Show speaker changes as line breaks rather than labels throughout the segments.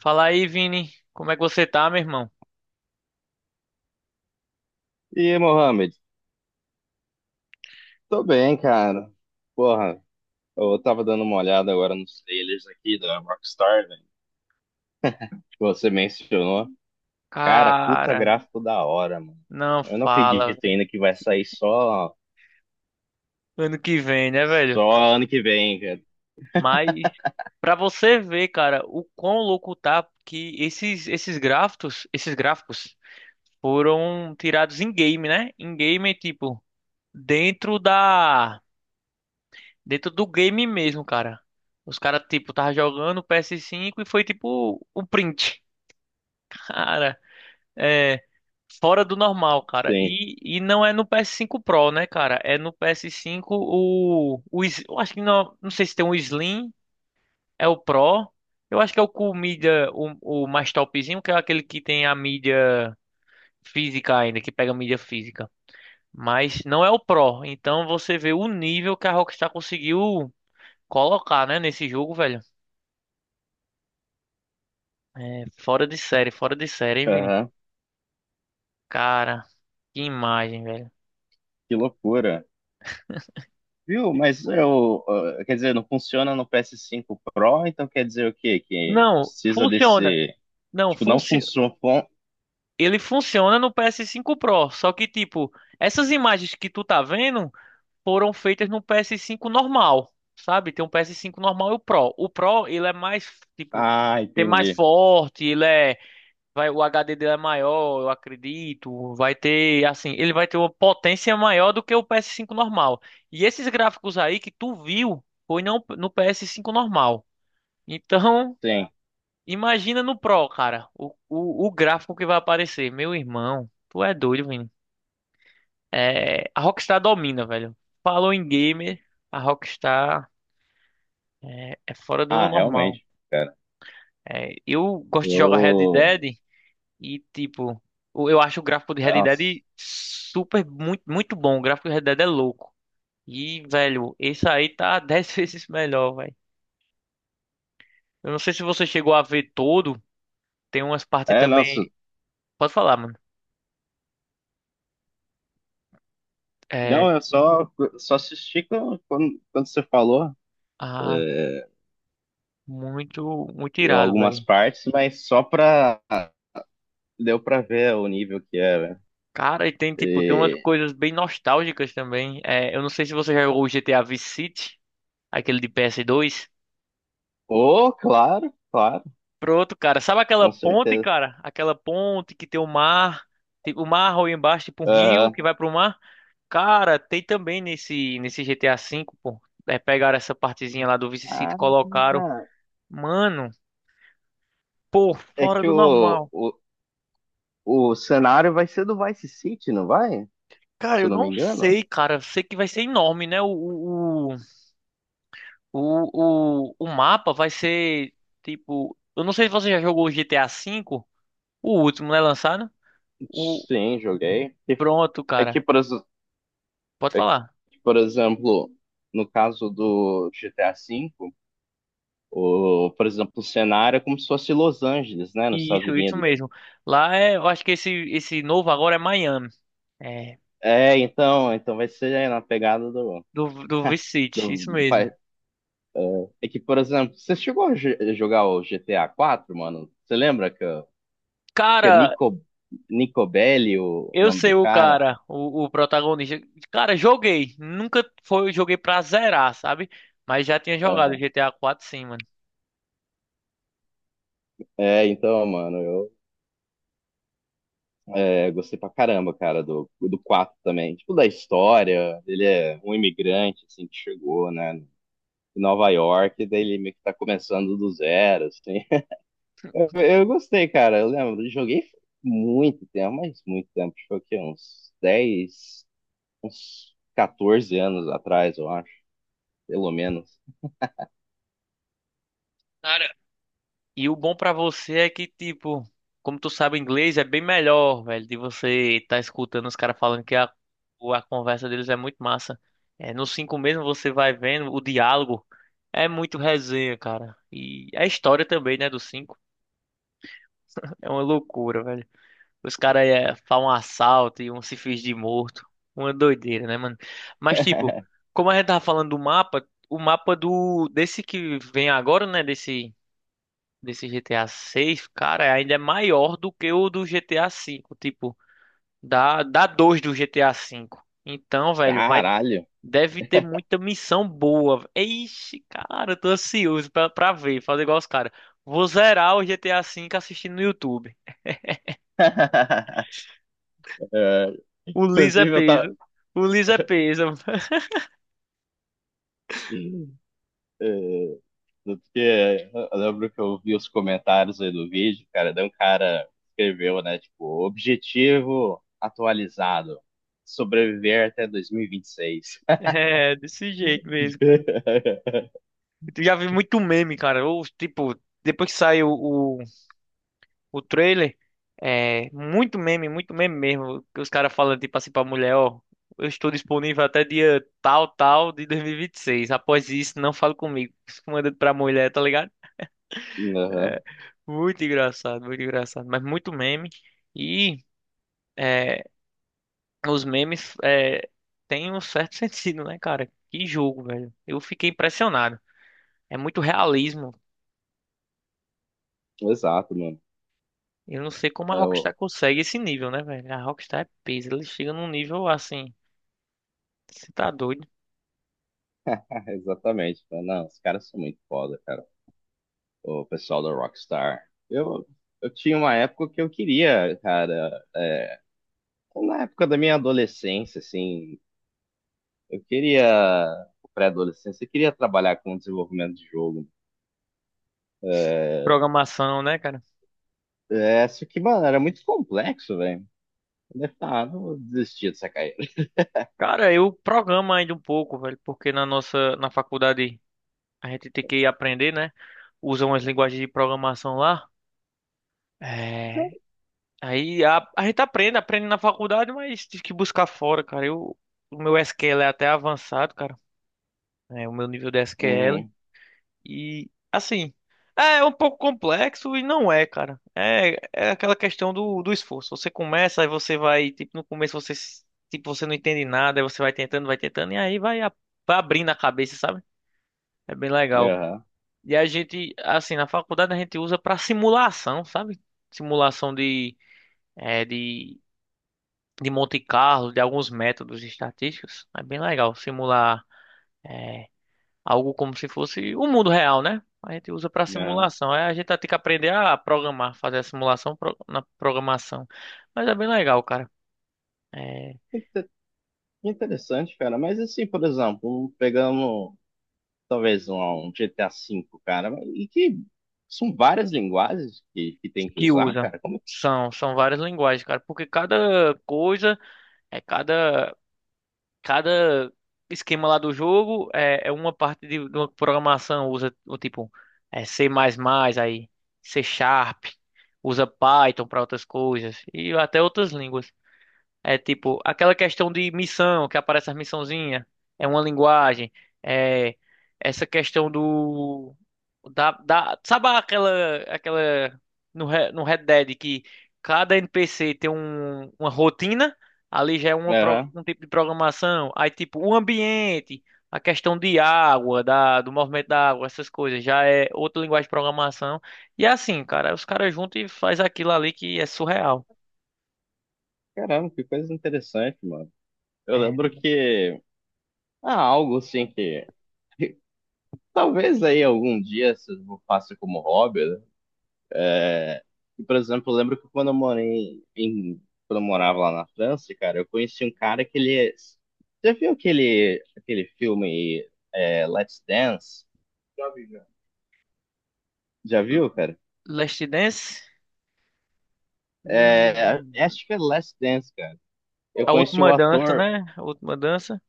Fala aí, Vini. Como é que você tá, meu irmão?
E aí, Mohamed? Tô bem, cara. Porra, eu tava dando uma olhada agora nos trailers aqui da Rockstar, velho, que você mencionou. Cara, puta
Cara,
gráfico da hora, mano.
não
Eu não
fala,
acredito
velho.
ainda que vai sair só,
Ano que vem, né, velho?
só ano que vem, cara.
Mas pra você ver, cara, o quão louco tá que esses gráficos, esses gráficos foram tirados em game, né? Em game, tipo, dentro da dentro do game mesmo, cara. Os caras tipo tava jogando PS5 e foi tipo o print. Cara, é fora do normal, cara.
Sim.
E não é no PS5 Pro, né, cara? É no PS5 o Slim- eu acho que não sei se tem um Slim, é o Pro. Eu acho que é o com mídia, o mais topzinho, que é aquele que tem a mídia física ainda, que pega mídia física. Mas não é o Pro. Então você vê o nível que a Rockstar conseguiu colocar, né, nesse jogo, velho. É fora de série, hein, Vini?
Aham.
Cara, que imagem, velho.
Que loucura. Viu? Mas eu, ah, quer dizer, não funciona no ps cinco Pro, então quer dizer o quê? Que
Não,
precisa
funciona.
desse,
Não,
tipo, não funciona.
ele funciona no PS5 Pro, só que tipo, essas imagens que tu tá vendo foram feitas no PS5 normal, sabe? Tem um PS5 normal e o Pro. O Pro, ele é mais tipo,
Ah,
tem mais
entendi.
forte, ele é, vai o HD dele é maior, eu acredito, vai ter assim, ele vai ter uma potência maior do que o PS5 normal. E esses gráficos aí que tu viu foi não, no PS5 normal. Então,
Sim.
imagina no Pro, cara, o gráfico que vai aparecer. Meu irmão, tu é doido, Vini. É, a Rockstar domina, velho. Falou em gamer, a Rockstar é fora do
Ah,
normal.
realmente, cara.
É, eu gosto de jogar Red
Eu
Dead e, tipo, o- eu acho o gráfico de Red
nossa.
Dead super, muito, muito bom. O gráfico de Red Dead é louco. E, velho, esse aí tá 10 vezes melhor, velho. Eu não sei se você chegou a ver todo. Tem umas partes
É, nossa.
também. Pode falar, mano. É.
Não, eu só assisti quando, quando você falou é,
Muito, muito irado,
algumas
velho.
partes, mas só pra. Deu pra ver o nível que é, velho.
Cara, e tem, tipo, tem umas
E-
coisas bem nostálgicas também. É, eu não sei se você já jogou o GTA Vice City, aquele de PS2.
Oh, claro, claro,
Pronto, cara. Sabe aquela
com
ponte,
certeza.
cara? Aquela ponte que tem o mar, tipo, o mar ou embaixo, tipo um rio
Aham.
que vai pro mar. Cara, tem também nesse GTA V, pô. É, pegaram essa partezinha lá do Vice City, e
Ah,
colocaram. Mano, pô,
é
fora
que
do
o,
normal.
o, o cenário vai ser do Vice City, não vai?
Cara,
Se eu
eu
não me
não
engano.
sei, cara. Eu sei que vai ser enorme, né? O mapa vai ser tipo. Eu não sei se você já jogou o GTA V, o último, né? Lançado. O,
Sim, joguei.
pronto,
É
cara.
que,
Pode
é que,
falar.
por exemplo, no caso do GTA V. O, por exemplo, o cenário é como se fosse Los Angeles, né, nos
E
Estados
isso
Unidos.
mesmo. Lá é. Eu acho que esse novo agora é Miami. É.
É, então, então vai ser na pegada do,
Do Vice City,
do-
isso mesmo.
É que, por exemplo, você chegou a jogar o GTA 4, mano? Você lembra que é
Cara,
Nico, Nico Belli o
eu
nome
sei
do
o
cara?
cara, o protagonista. Cara, joguei. Nunca foi, joguei pra zerar, sabe? Mas já tinha jogado o
Aham.
GTA 4 sim, mano.
É, então, mano, eu gostei pra caramba, cara, do 4 também. Tipo, da história, ele é um imigrante, assim, que chegou, né, em Nova York, e daí ele meio que tá começando do zero, assim. Eu gostei, cara. Eu lembro, joguei muito tempo, mas muito tempo. Acho que foi o quê? Uns 10, uns 14 anos atrás, eu acho. Pelo menos.
E o bom pra você é que, tipo, como tu sabe inglês, é bem melhor, velho, de você estar escutando os caras falando que a, o- a conversa deles é muito massa. É, no 5 mesmo você vai vendo o diálogo. É muito resenha, cara. E a história também, né, do cinco. É uma loucura, velho. Os caras é, fazem um assalto e um se finge de morto. Uma doideira, né, mano? Mas, tipo, como a gente tava falando do mapa, o mapa do desse que vem agora, né, desse GTA 6, cara, ainda é maior do que o do GTA 5, tipo, dá dois do GTA 5. Então, velho, vai
Caralho.
deve ter muita missão boa. Ixi, cara, eu tô ansioso pra ver, fazer igual os caras. Vou zerar o GTA 5 assistindo no YouTube.
É,
O liso é
inclusive, eu tava.
peso. O liso é peso.
É, tanto que eu lembro que eu vi os comentários aí do vídeo, cara. Daí um cara escreveu, né? Tipo, objetivo atualizado: sobreviver até 2026.
É, desse jeito mesmo, cara. Eu já vi muito meme, cara. Eu, tipo, depois que saiu o trailer, é muito meme mesmo. Que os caras falam tipo assim pra mulher, ó, eu estou disponível até dia tal, tal de 2026. Após isso, não fale comigo. Isso manda pra mulher, tá ligado?
Aham.
Muito engraçado, muito engraçado. Mas muito meme. E é, os memes é, têm um certo sentido, né, cara? Que jogo, velho. Eu fiquei impressionado. É muito realismo.
Exato.
Eu não sei como a Rockstar
Eu...
consegue esse nível, né, velho? A Rockstar é peso. Ele chega num nível assim. Você tá doido?
Exatamente. Falei, não, os caras são muito foda, cara. O pessoal da Rockstar. Eu tinha uma época que eu queria, cara. Na época da minha adolescência, assim, eu queria, pré-adolescência, eu queria trabalhar com desenvolvimento de jogo.
Programação, né, cara?
É, só que, mano, era muito complexo, velho. Eu falei, ah, não vou desistir dessa carreira.
Cara, eu programo ainda um pouco, velho, porque na faculdade a gente tem que aprender, né? Usa umas linguagens de programação lá. É... Aí a gente aprende, aprende na faculdade, mas tem que buscar fora, cara. Eu, o meu SQL é até avançado, cara. É, o meu nível de SQL.
Uhum.
E assim, é um pouco complexo e não é, cara. É, é aquela questão do esforço. Você começa, aí você vai, tipo, no começo você s- tipo, você não entende nada, aí você vai tentando, e aí vai, a- vai abrindo a cabeça, sabe? É bem legal.
Aham,
E a gente, assim, na faculdade a gente usa pra simulação, sabe? Simulação é, de, de Monte Carlo, de alguns métodos estatísticos. É bem legal simular. É, Algo como se fosse o mundo real, né? A gente usa para
aham.
simulação. É, a gente vai ter que aprender a programar, fazer a simulação pro- na programação. Mas é bem legal, cara. É,
Inte- Interessante, cara. Mas assim, por exemplo, pegando talvez um GTA V, cara, e que são várias linguagens que tem que
que
usar,
usa.
cara. Como...
São várias linguagens, cara. Porque cada coisa, é cada, cada esquema lá do jogo é, é uma parte de uma programação. Usa o tipo é C++, aí C Sharp, usa Python para outras coisas e até outras línguas. É tipo, aquela questão de missão, que aparece as missãozinhas, é uma linguagem, é essa questão do da sabe aquela aquela no, Re- no Red Dead que cada NPC tem um, uma rotina, ali já é uma, pro-
Aham.
um tipo de programação, aí tipo o ambiente, a questão de água, do movimento da água, essas coisas, já é outra linguagem de programação. E é assim, cara, os caras juntam e faz aquilo ali que é surreal.
Caramba, que coisa interessante, mano. Eu
É
lembro que ah, algo assim que talvez aí algum dia se eu faça como hobby, né? E, por exemplo, eu lembro que quando eu morei em quando eu morava lá na França, cara, eu conheci um cara que ele é, já viu aquele filme Let's Dance? Já vi, já. Já viu, cara?
Last Dance.
É,
Hum,
acho que é Let's Dance, cara. Eu
a
conheci o
última dança,
ator,
né? A última dança.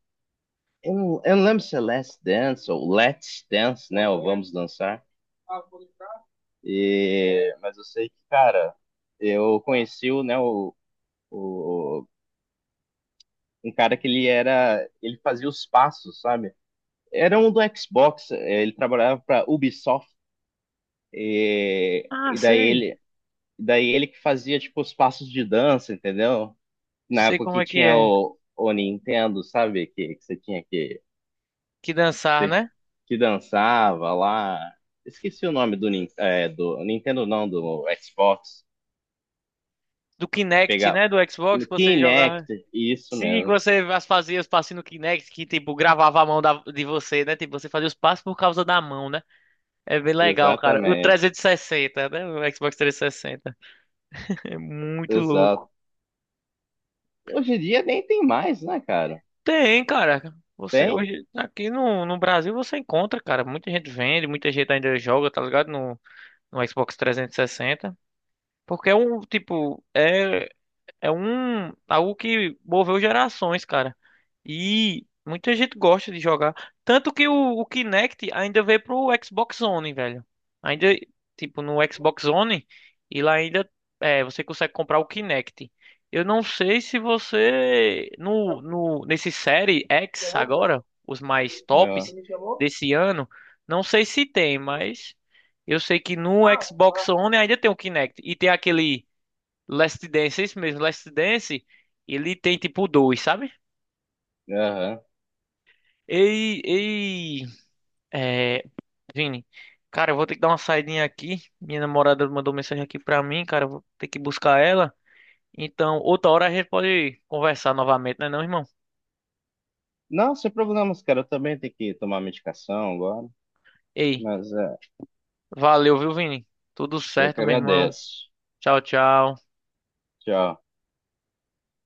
eu não lembro se é Last Dance ou Let's Dance, né? Ou Vamos Dançar. E, mas eu sei que, cara, eu conheci o, né, o, um cara que ele era, ele fazia os passos, sabe? Era um do Xbox, ele trabalhava para Ubisoft
Ah,
e daí
sei.
daí ele que fazia tipo os passos de dança, entendeu? Na
Sei
época
como
que tinha
é.
o Nintendo, sabe? Que você tinha que
Que dançar,
você
né?
que dançava lá. Esqueci o nome do, do Nintendo, não, do Xbox.
Do Kinect,
Pegar
né? Do Xbox que você
Kinect,
jogava.
isso
Sim, que
mesmo.
você as- fazia os passos no Kinect, que tipo, gravava a mão da- de você, né? Tipo, você fazia os passos por causa da mão, né? É bem legal, cara. O
Exatamente.
360, né? O Xbox 360. É muito
Exato.
louco.
Hoje em dia nem tem mais, né, cara?
Tem, cara. Você
Tem?
hoje, aqui no, no Brasil, você encontra, cara. Muita gente vende, muita gente ainda joga, tá ligado? No, no Xbox 360. Porque é um, tipo, é, é um algo que moveu gerações, cara. E muita gente gosta de jogar. Tanto que o Kinect ainda veio pro Xbox One, velho. Ainda, tipo, no Xbox One, e lá ainda é, você consegue comprar o Kinect. Eu não sei se você no,
Eu,
no nesse série X
chamou, velho?
agora, os mais
Aham. Você
tops
me chamou?
desse ano, não sei se tem, mas eu sei que no
Ah,
Xbox
tá.
One ainda tem o Kinect e tem aquele Last Dance, é isso mesmo, Last Dance, ele tem tipo dois, sabe?
Aham.
Ei, ei, é, Vini, cara, eu vou ter que dar uma saidinha aqui. Minha namorada mandou mensagem aqui pra mim, cara, eu vou ter que buscar ela. Então, outra hora a gente pode conversar novamente, né, não, irmão?
Não, sem problemas, cara. Eu também tenho que tomar medicação agora.
Ei,
Mas é,
valeu, viu, Vini? Tudo
eu
certo,
que
meu irmão.
agradeço.
Tchau, tchau.
Tchau.